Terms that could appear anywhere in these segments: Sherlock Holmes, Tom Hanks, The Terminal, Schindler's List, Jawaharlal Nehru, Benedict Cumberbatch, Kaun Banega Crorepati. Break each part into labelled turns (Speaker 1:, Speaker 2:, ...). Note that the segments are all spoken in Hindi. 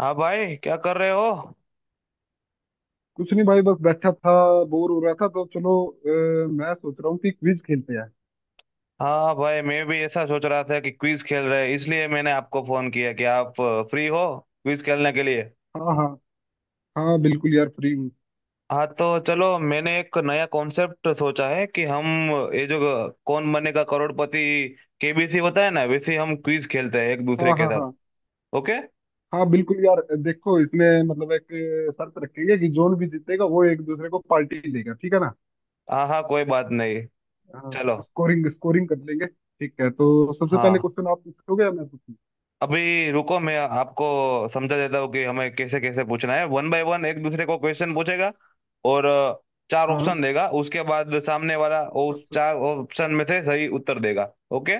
Speaker 1: हाँ भाई, क्या कर रहे हो।
Speaker 2: कुछ नहीं भाई, बस बैठा था। बोर हो रहा था तो चलो, मैं सोच रहा हूँ कि क्विज खेलते हैं।
Speaker 1: हाँ भाई, मैं भी ऐसा सोच रहा था कि क्विज खेल रहे हैं, इसलिए मैंने आपको फोन किया कि आप फ्री हो क्विज खेलने के लिए।
Speaker 2: हाँ हाँ, हाँ बिल्कुल यार, फ्री हूँ।
Speaker 1: हाँ तो चलो, मैंने एक नया कॉन्सेप्ट सोचा है कि हम ये जो कौन बनेगा करोड़पति केबीसी होता है ना, वैसे हम क्विज खेलते हैं एक दूसरे
Speaker 2: हाँ
Speaker 1: के
Speaker 2: हाँ
Speaker 1: साथ।
Speaker 2: हाँ
Speaker 1: ओके।
Speaker 2: हाँ, बिल्कुल यार देखो, इसमें मतलब एक शर्त रखेंगे कि जोन भी जीतेगा वो एक दूसरे को पार्टी देगा, ठीक है ना।
Speaker 1: हाँ हाँ, कोई बात नहीं,
Speaker 2: हाँ,
Speaker 1: चलो।
Speaker 2: स्कोरिंग स्कोरिंग कर लेंगे, ठीक है। तो सबसे पहले
Speaker 1: हाँ,
Speaker 2: क्वेश्चन आप पूछोगे या मैं पूछूँ?
Speaker 1: अभी रुको, मैं आपको समझा देता हूँ कि हमें कैसे कैसे पूछना है। वन बाय वन एक दूसरे को क्वेश्चन पूछेगा और चार
Speaker 2: हाँ।
Speaker 1: ऑप्शन देगा, उसके बाद सामने वाला उस
Speaker 2: हाँ,
Speaker 1: चार ऑप्शन में से सही उत्तर देगा। ओके।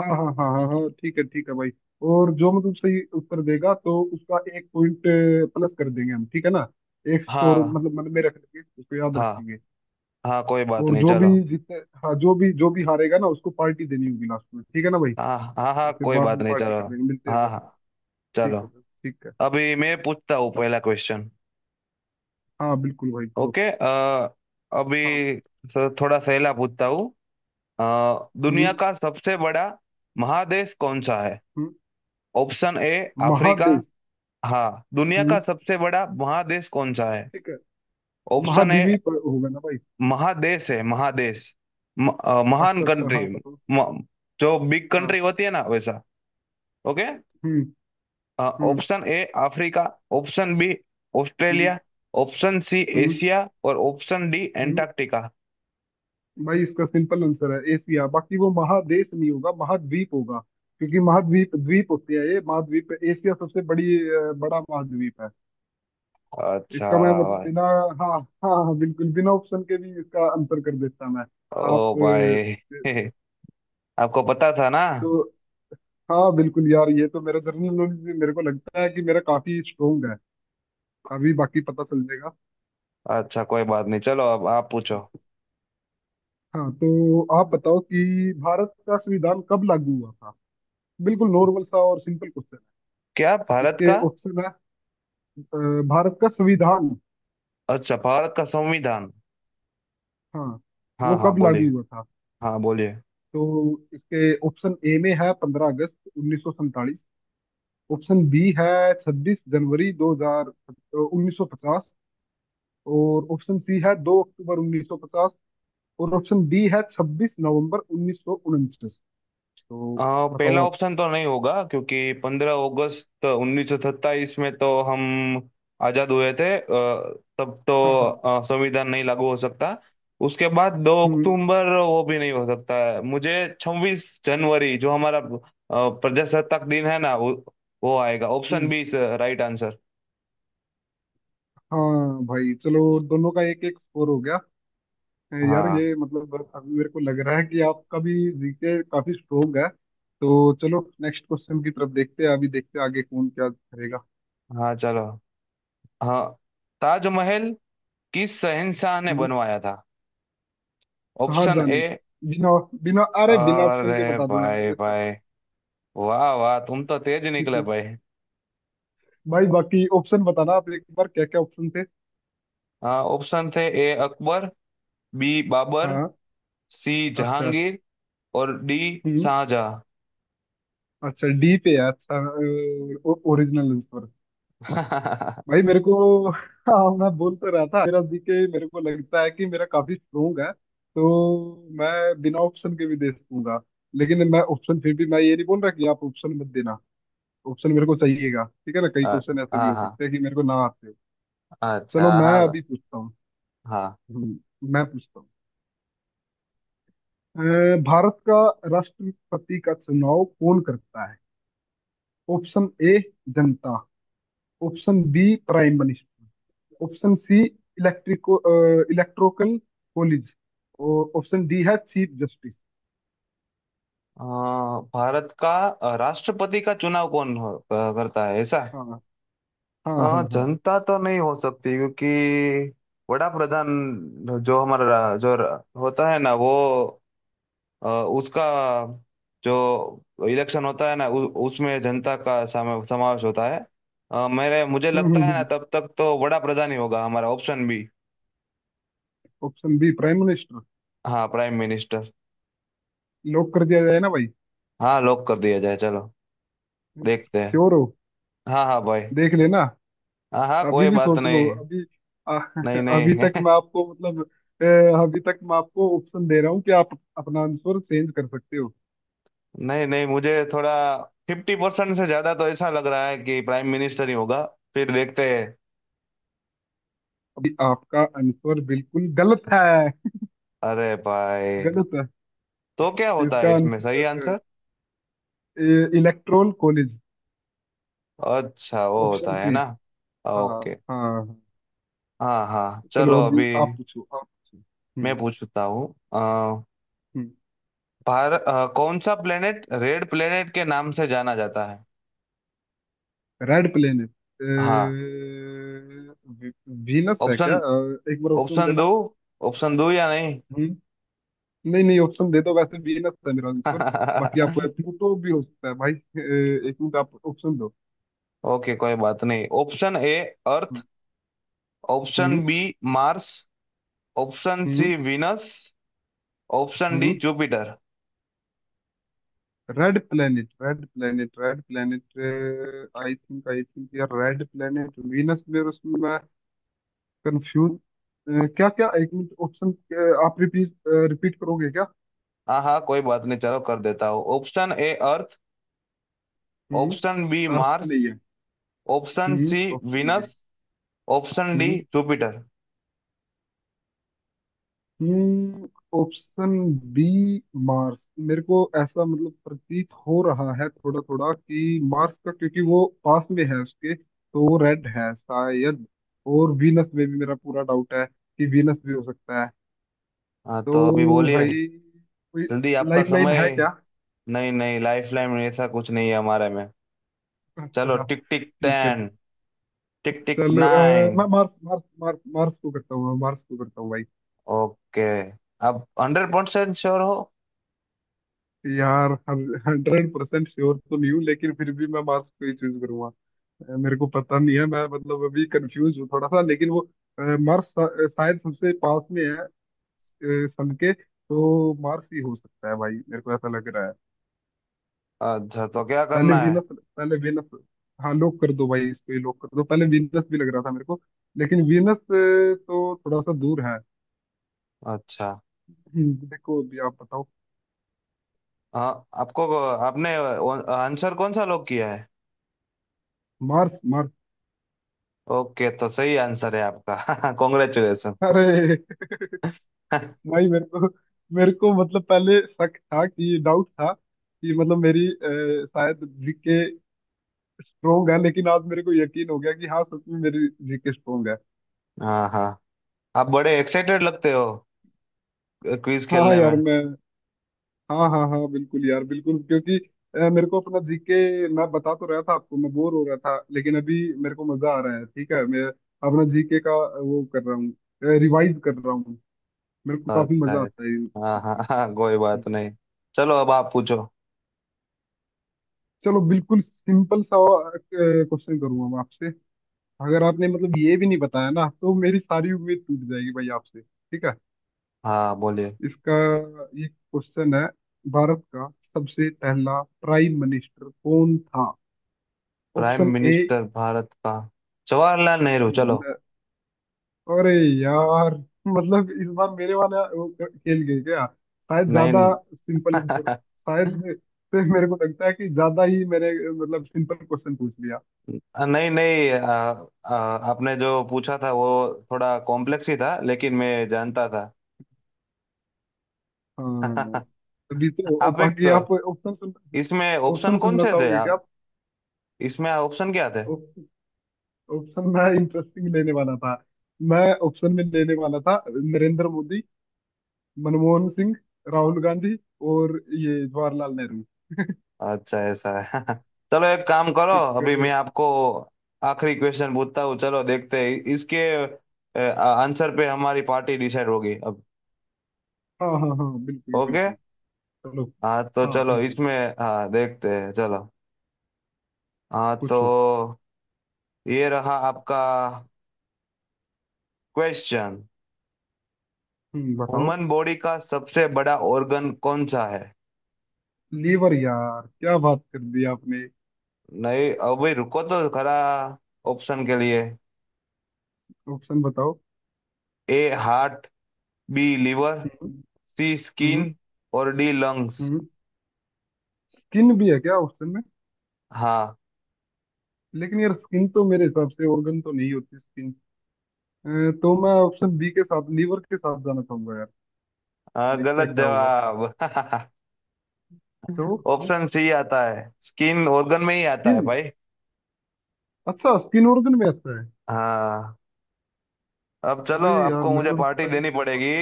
Speaker 2: हाँ हाँ हाँ हाँ हाँ, ठीक है भाई। और जो मतलब सही उत्तर देगा तो उसका एक पॉइंट प्लस कर देंगे हम, ठीक है ना। एक स्कोर
Speaker 1: हाँ
Speaker 2: मतलब मन में रख लेंगे, उसको याद
Speaker 1: हाँ
Speaker 2: रखेंगे।
Speaker 1: हाँ, कोई बात
Speaker 2: और
Speaker 1: नहीं,
Speaker 2: जो भी
Speaker 1: चलो।
Speaker 2: जीते, हाँ, जो भी हारेगा ना उसको पार्टी देनी होगी लास्ट में, ठीक है ना भाई।
Speaker 1: हाँ हाँ हाँ,
Speaker 2: और फिर
Speaker 1: कोई
Speaker 2: बाद
Speaker 1: बात
Speaker 2: में
Speaker 1: नहीं,
Speaker 2: पार्टी
Speaker 1: चलो।
Speaker 2: कर लेंगे मिलते हैं
Speaker 1: हाँ
Speaker 2: जब।
Speaker 1: हाँ,
Speaker 2: ठीक
Speaker 1: चलो।
Speaker 2: है भाई, ठीक है।
Speaker 1: अभी मैं पूछता हूँ पहला क्वेश्चन।
Speaker 2: हाँ बिल्कुल भाई, करो।
Speaker 1: ओके। अभी
Speaker 2: हाँ।
Speaker 1: थोड़ा सहेला पूछता हूँ। दुनिया
Speaker 2: हम्म
Speaker 1: का सबसे बड़ा महादेश कौन सा है।
Speaker 2: हम्म
Speaker 1: ऑप्शन ए अफ्रीका।
Speaker 2: महादेश।
Speaker 1: हाँ, दुनिया का
Speaker 2: हम्म
Speaker 1: सबसे बड़ा महादेश कौन सा है।
Speaker 2: ठीक है।
Speaker 1: Option A.
Speaker 2: महाद्वीप होगा ना भाई।
Speaker 1: महादेश है, महादेश। महान
Speaker 2: अच्छा अच्छा,
Speaker 1: कंट्री।
Speaker 2: हाँ बताओ।
Speaker 1: म, जो बिग
Speaker 2: हाँ।
Speaker 1: कंट्री होती है ना, वैसा। ओके।
Speaker 2: हम्म हम्म
Speaker 1: option A Africa, option B
Speaker 2: हम्म
Speaker 1: ऑस्ट्रेलिया, ऑप्शन सी
Speaker 2: हम्म
Speaker 1: एशिया और ऑप्शन डी
Speaker 2: हम्म
Speaker 1: एंटार्क्टिका।
Speaker 2: भाई इसका सिंपल आंसर है एशिया। बाकी वो महादेश नहीं होगा, महाद्वीप होगा, क्योंकि महाद्वीप द्वीप होते हैं। ये महाद्वीप है। एशिया सबसे बड़ा महाद्वीप है।
Speaker 1: अच्छा।
Speaker 2: इसका मैं मतलब
Speaker 1: भाई।
Speaker 2: बिना, हाँ हाँ हाँ, बिल्कुल बिना ऑप्शन के भी इसका आंसर कर देता मैं। आप
Speaker 1: ओ भाई। आपको पता था ना।
Speaker 2: तो, हाँ बिल्कुल यार, ये तो मेरा जनरल नॉलेज भी, मेरे को लगता है कि मेरा काफी स्ट्रोंग है। अभी बाकी पता चल जाएगा।
Speaker 1: अच्छा, कोई बात नहीं, चलो अब आप पूछो।
Speaker 2: हाँ। हाँ, तो आप बताओ कि भारत का संविधान कब लागू हुआ था। बिल्कुल नॉर्मल सा और सिंपल क्वेश्चन
Speaker 1: क्या,
Speaker 2: है।
Speaker 1: भारत
Speaker 2: इसके
Speaker 1: का?
Speaker 2: ऑप्शन है अ, भारत का संविधान,
Speaker 1: अच्छा, भारत का संविधान।
Speaker 2: हाँ,
Speaker 1: हाँ
Speaker 2: वो
Speaker 1: हाँ
Speaker 2: कब लागू
Speaker 1: बोलिए।
Speaker 2: हुआ था।
Speaker 1: हाँ बोलिए।
Speaker 2: तो इसके ऑप्शन ए में है 15 अगस्त 1947। ऑप्शन बी है 26 जनवरी 2000 1950। और ऑप्शन सी है 2 अक्टूबर 1950। और ऑप्शन डी है 26 नवंबर 1949।
Speaker 1: अ,
Speaker 2: तो बताओ
Speaker 1: पहला
Speaker 2: आप।
Speaker 1: ऑप्शन तो नहीं होगा, क्योंकि पंद्रह अगस्त उन्नीस सौ सत्ताईस में तो हम आजाद हुए थे। तब तो
Speaker 2: हाँ हाँ।
Speaker 1: संविधान नहीं लागू हो सकता। उसके बाद दो
Speaker 2: हम्म
Speaker 1: अक्टूबर, वो भी नहीं हो सकता है मुझे। छब्बीस जनवरी जो हमारा प्रजासत्ताक दिन है ना, वो आएगा। ऑप्शन
Speaker 2: हम्म
Speaker 1: बी इज राइट आंसर।
Speaker 2: हाँ भाई चलो, दोनों का एक एक स्कोर हो गया। यार
Speaker 1: हाँ
Speaker 2: ये मतलब अभी मेरे को लग रहा है कि आपका भी जीके काफी स्ट्रोंग है। तो चलो नेक्स्ट क्वेश्चन की तरफ देखते हैं, अभी देखते हैं आगे कौन क्या करेगा।
Speaker 1: हाँ चलो। हाँ। ताजमहल किस शहंशाह ने
Speaker 2: हम्म
Speaker 1: बनवाया था। ऑप्शन
Speaker 2: शाहजहां
Speaker 1: ए।
Speaker 2: ने। बिना, बिना अरे बिना ऑप्शन के
Speaker 1: अरे
Speaker 2: बता दूंगा यार
Speaker 1: भाई
Speaker 2: मैं इसका
Speaker 1: भाई,
Speaker 2: तो।
Speaker 1: वाह वाह, तुम तो तेज निकले भाई।
Speaker 2: भाई बाकी ऑप्शन बताना आप, एक बार क्या क्या ऑप्शन थे।
Speaker 1: हाँ, ऑप्शन थे, ए अकबर, बी बाबर,
Speaker 2: हाँ।
Speaker 1: सी
Speaker 2: अच्छा।
Speaker 1: जहांगीर और डी
Speaker 2: हम्म
Speaker 1: शाहजहां।
Speaker 2: अच्छा, डी पे है, अच्छा। Original answer. भाई मेरे को, हाँ, मैं बोल तो रहा था मेरा जीके, मेरे को लगता है कि मेरा काफी स्ट्रोंग है, तो मैं बिना ऑप्शन के भी दे सकूंगा। लेकिन मैं ऑप्शन, फिर भी मैं ये नहीं बोल रहा कि आप ऑप्शन मत देना। ऑप्शन मेरे को चाहिएगा, ठीक है ना। कई
Speaker 1: अ-
Speaker 2: क्वेश्चन ऐसे भी
Speaker 1: हाँ
Speaker 2: हो
Speaker 1: हाँ,
Speaker 2: सकते हैं कि मेरे को ना आते हो।
Speaker 1: अच्छा
Speaker 2: चलो मैं
Speaker 1: हाँ।
Speaker 2: अभी पूछता हूँ।
Speaker 1: हाँ।
Speaker 2: हम्म, मैं पूछता हूँ अ, भारत का राष्ट्रपति का चुनाव कौन करता है। ऑप्शन ए जनता, option B prime minister, option C इलेक्ट्रिको, इलेक्ट्रोकल कॉलेज, और ऑप्शन डी है चीफ जस्टिस।
Speaker 1: अ, भारत का राष्ट्रपति का चुनाव कौन करता है, ऐसा।
Speaker 2: हाँ, हाँ हाँ हाँ।
Speaker 1: जनता तो नहीं हो सकती, क्योंकि बड़ा प्रधान जो हमारा जो होता है ना, वो उसका जो इलेक्शन होता है ना, उसमें जनता का समावेश होता है। अ, मेरे मुझे
Speaker 2: हम्म हम्म
Speaker 1: लगता है ना,
Speaker 2: हम्म
Speaker 1: तब तक तो बड़ा प्रधान ही होगा हमारा। Option B.
Speaker 2: Option B, prime minister,
Speaker 1: हाँ, प्राइम मिनिस्टर।
Speaker 2: लॉक कर दिया जाए ना भाई।
Speaker 1: हाँ, लॉक कर दिया जाए, चलो देखते हैं।
Speaker 2: श्योर हो,
Speaker 1: हाँ हाँ भाई।
Speaker 2: देख लेना,
Speaker 1: हाँ हाँ,
Speaker 2: अभी
Speaker 1: कोई
Speaker 2: भी
Speaker 1: बात
Speaker 2: सोच लो
Speaker 1: नहीं।
Speaker 2: अभी। आ,
Speaker 1: नहीं
Speaker 2: अभी
Speaker 1: नहीं।
Speaker 2: तक मैं आपको मतलब, अभी तक मैं आपको ऑप्शन दे रहा हूँ कि आप अपना आंसर चेंज कर सकते हो।
Speaker 1: नहीं नहीं, मुझे थोड़ा फिफ्टी परसेंट से ज्यादा तो ऐसा लग रहा है कि प्राइम मिनिस्टर ही होगा। फिर देखते हैं।
Speaker 2: अभी आपका आंसर बिल्कुल गलत है,
Speaker 1: अरे भाई,
Speaker 2: गलत है।
Speaker 1: तो क्या होता है
Speaker 2: इसका
Speaker 1: इसमें सही
Speaker 2: आंसर
Speaker 1: आंसर?
Speaker 2: इलेक्ट्रोल कॉलेज,
Speaker 1: अच्छा, वो
Speaker 2: ऑप्शन
Speaker 1: होता है
Speaker 2: सी।
Speaker 1: ना।
Speaker 2: हाँ।
Speaker 1: ओके।
Speaker 2: हाँ हाँ।
Speaker 1: हाँ हाँ, चलो
Speaker 2: चलो
Speaker 1: अभी
Speaker 2: अभी आप पूछो, आप पूछो।
Speaker 1: मैं
Speaker 2: हम्म
Speaker 1: पूछता हूँ।
Speaker 2: हम्म
Speaker 1: भारत, कौन सा प्लेनेट रेड प्लेनेट के नाम से जाना जाता है।
Speaker 2: Red planet.
Speaker 1: हाँ।
Speaker 2: वीनस है क्या?
Speaker 1: ऑप्शन,
Speaker 2: एक बार ऑप्शन
Speaker 1: ऑप्शन
Speaker 2: देना।
Speaker 1: दो। ऑप्शन दो या नहीं।
Speaker 2: हम्म नहीं नहीं, ऑप्शन दे दो, वैसे वीनस है मेरा आंसर। बाकी आप, प्लूटो भी हो सकता है भाई। एक मिनट, आप ऑप्शन दो।
Speaker 1: ओके, कोई बात नहीं। ऑप्शन ए अर्थ, ऑप्शन
Speaker 2: हम्म
Speaker 1: बी मार्स, ऑप्शन
Speaker 2: हम्म
Speaker 1: सी वीनस, ऑप्शन डी
Speaker 2: हम्म
Speaker 1: Jupiter.
Speaker 2: Red planet, red planet, red planet. I think यार, रेड प्लेनेट वीनस में उसमें कंफ्यूज। क्या क्या, एक मिनट ऑप्शन, आप रिपीट रिपीट करोगे क्या?
Speaker 1: हाँ हाँ, कोई बात नहीं, चलो कर देता हूँ। ऑप्शन ए अर्थ,
Speaker 2: हम्म
Speaker 1: ऑप्शन बी
Speaker 2: ऑप्शन
Speaker 1: मार्स,
Speaker 2: नहीं है।
Speaker 1: Option C
Speaker 2: option B.
Speaker 1: Venus, option D
Speaker 2: हम्म
Speaker 1: जुपिटर।
Speaker 2: Option B, Mars. मेरे को ऐसा मतलब प्रतीत हो रहा है थोड़ा थोड़ा कि मार्स का, क्योंकि वो पास में है उसके, तो वो रेड है शायद। और वीनस में भी मेरा पूरा डाउट है कि वीनस भी हो सकता है।
Speaker 1: हाँ तो अभी
Speaker 2: तो
Speaker 1: बोलिए,
Speaker 2: भाई, कोई
Speaker 1: जल्दी, आपका
Speaker 2: लाइफ लाइन
Speaker 1: समय।
Speaker 2: है क्या?
Speaker 1: नहीं नहीं, लाइफ लाइन ऐसा कुछ नहीं है हमारे में। चलो
Speaker 2: अच्छा।
Speaker 1: टिक टिक
Speaker 2: ठीक है।
Speaker 1: टेन, टिक टिक
Speaker 2: चलो, मैं
Speaker 1: nine.
Speaker 2: Mars Mars Mars Mars को करता हूँ, मैं मार्स को करता हूँ भाई।
Speaker 1: ओके, अब हंड्रेड परसेंट श्योर हो?
Speaker 2: यार 100% श्योर तो नहीं हूँ, लेकिन फिर भी मैं मार्स को ही चूज करूंगा। मेरे को पता नहीं है, मैं मतलब अभी कंफ्यूज हूँ थोड़ा सा, लेकिन वो मार्स शायद सबसे पास में है सन के, तो मार्स ही हो सकता है भाई, मेरे को ऐसा लग रहा है।
Speaker 1: अच्छा, तो क्या
Speaker 2: पहले
Speaker 1: करना है?
Speaker 2: वीनस, पहले वीनस, हाँ। लॉक कर दो भाई, इस पे लॉक कर दो। पहले वीनस भी लग रहा था मेरे को, लेकिन वीनस तो थोड़ा सा दूर है।
Speaker 1: अच्छा
Speaker 2: देखो, अभी आप बताओ।
Speaker 1: हाँ। आपको, आपने आंसर कौन सा लॉक किया है?
Speaker 2: Mars, Mars.
Speaker 1: ओके, तो सही आंसर है आपका। कॉन्ग्रेचुलेशन।
Speaker 2: अरे भाई, मेरे को, मेरे को मतलब पहले शक था, कि डाउट था कि मतलब मेरी शायद जीके स्ट्रोंग है, लेकिन आज मेरे को यकीन हो गया कि हाँ, सच में मेरी जीके स्ट्रोंग है।
Speaker 1: हाँ हाँ, आप बड़े एक्साइटेड लगते हो क्विज
Speaker 2: हाँ
Speaker 1: खेलने में।
Speaker 2: यार मैं, हाँ हाँ हाँ, बिल्कुल यार, बिल्कुल, क्योंकि मेरे को अपना जीके, मैं बता तो रहा था आपको मैं बोर हो रहा था, लेकिन अभी मेरे को मजा आ रहा है। ठीक है, मैं अपना जीके का वो कर रहा हूँ, रिवाइज कर रहा हूँ। मेरे को काफी
Speaker 1: अच्छा
Speaker 2: मजा
Speaker 1: है।
Speaker 2: आता है इन
Speaker 1: हाँ
Speaker 2: क्वेश्चन
Speaker 1: हाँ हाँ, कोई
Speaker 2: में।
Speaker 1: बात नहीं, चलो अब आप पूछो।
Speaker 2: चलो बिल्कुल सिंपल सा क्वेश्चन करूंगा मैं आपसे। अगर आपने मतलब ये भी नहीं बताया ना तो मेरी सारी उम्मीद टूट जाएगी भाई आपसे, ठीक है।
Speaker 1: हाँ बोलिए।
Speaker 2: इसका ये क्वेश्चन है, भारत का सबसे पहला प्राइम मिनिस्टर कौन था?
Speaker 1: Prime
Speaker 2: option A.
Speaker 1: Minister Bharat का जवाहरलाल नेहरू, चलो।
Speaker 2: अरे यार, मतलब इस बार मेरे वाला वो खेल गए क्या? शायद
Speaker 1: नई।
Speaker 2: ज्यादा सिंपल आंसर
Speaker 1: नहीं
Speaker 2: शायद से, मेरे को लगता है कि ज्यादा ही मैंने मतलब सिंपल क्वेश्चन पूछ लिया।
Speaker 1: नहीं। आ, आ, आपने जो पूछा था, वो थोड़ा कॉम्प्लेक्स ही था, लेकिन मैं जानता था।
Speaker 2: हाँ अभी तो,
Speaker 1: आप एक
Speaker 2: बाकी आप ऑप्शन सुन,
Speaker 1: इसमें ऑप्शन
Speaker 2: ऑप्शन
Speaker 1: कौन
Speaker 2: सुनना
Speaker 1: से थे
Speaker 2: चाहोगे क्या
Speaker 1: आप,
Speaker 2: आप?
Speaker 1: इसमें ऑप्शन क्या थे?
Speaker 2: ऑप्शन मैं इंटरेस्टिंग लेने वाला था। मैं ऑप्शन में लेने वाला था नरेंद्र मोदी, मनमोहन सिंह, राहुल गांधी, और ये जवाहरलाल नेहरू।
Speaker 1: अच्छा, ऐसा है। चलो, एक काम करो, अभी मैं
Speaker 2: एक-
Speaker 1: आपको आखिरी क्वेश्चन पूछता हूँ। चलो देखते हैं, इसके आंसर पे हमारी पार्टी डिसाइड होगी अब।
Speaker 2: हाँ हाँ हाँ, बिल्कुल
Speaker 1: ओके।
Speaker 2: बिल्कुल। चलो।
Speaker 1: हाँ तो
Speaker 2: हाँ
Speaker 1: चलो
Speaker 2: बिल्कुल।
Speaker 1: इसमें। हाँ देखते हैं, चलो। हाँ
Speaker 2: पूछो।
Speaker 1: तो ये रहा आपका क्वेश्चन।
Speaker 2: बताओ।
Speaker 1: ह्यूमन बॉडी का सबसे बड़ा ऑर्गन कौन सा है?
Speaker 2: लीवर यार, क्या बात कर दी आपने।
Speaker 1: नहीं, अभी रुको तो खरा, ऑप्शन के लिए,
Speaker 2: ऑप्शन बताओ।
Speaker 1: A heart, B liver,
Speaker 2: hmm
Speaker 1: C
Speaker 2: hmm
Speaker 1: skin और डी लंग्स।
Speaker 2: हम्म किन भी है क्या ऑप्शन में?
Speaker 1: हाँ।
Speaker 2: लेकिन यार स्किन तो मेरे हिसाब से ऑर्गन तो नहीं होती स्किन, तो मैं ऑप्शन बी के साथ, लीवर के साथ जाना चाहूंगा यार।
Speaker 1: हाँ,
Speaker 2: देखते हैं
Speaker 1: गलत
Speaker 2: क्या होगा।
Speaker 1: जवाब।
Speaker 2: तो
Speaker 1: ऑप्शन सी आता है, स्किन ऑर्गन में ही आता
Speaker 2: स्किन,
Speaker 1: है भाई।
Speaker 2: अच्छा, स्किन ऑर्गन में आता है।
Speaker 1: हाँ, अब चलो
Speaker 2: अरे यार,
Speaker 1: आपको
Speaker 2: मेरे
Speaker 1: मुझे
Speaker 2: को तो
Speaker 1: पार्टी
Speaker 2: पता ही नहीं
Speaker 1: देनी
Speaker 2: था इस बात
Speaker 1: पड़ेगी।
Speaker 2: का।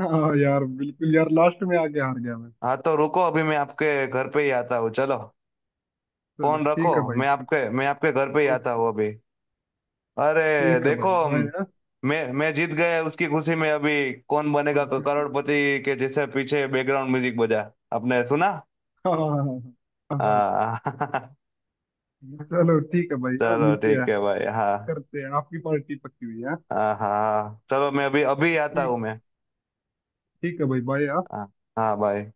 Speaker 2: हाँ यार बिल्कुल यार, लास्ट में आके हार गया मैं।
Speaker 1: हाँ तो रुको, अभी मैं आपके घर पे ही आता हूँ, चलो।
Speaker 2: चलो
Speaker 1: फोन रखो,
Speaker 2: ठीक है भाई ठीक है।
Speaker 1: मैं आपके घर पे ही आता
Speaker 2: ओके।
Speaker 1: हूँ अभी। अरे
Speaker 2: ठीक है भाई,
Speaker 1: देखो,
Speaker 2: बाय। हाँ
Speaker 1: मैं जीत गया उसकी खुशी में अभी कौन बनेगा करोड़पति के जैसे पीछे बैकग्राउंड म्यूजिक बजा, आपने सुना।
Speaker 2: हाँ हाँ हाँ हाँ। हाँ, हाँ।
Speaker 1: हाँ।
Speaker 2: चलो ठीक है भाई, हाँ
Speaker 1: चलो
Speaker 2: मिलते
Speaker 1: ठीक
Speaker 2: हैं,
Speaker 1: है भाई। हाँ।
Speaker 2: करते हैं। आपकी पार्टी पक्की हुई है, हाँ?
Speaker 1: हाँ हाँ हाँ। चलो मैं अभी अभी आता हूँ
Speaker 2: ठीक,
Speaker 1: मैं।
Speaker 2: ठीक है भाई, बाय।
Speaker 1: हाँ। हाँ भाई।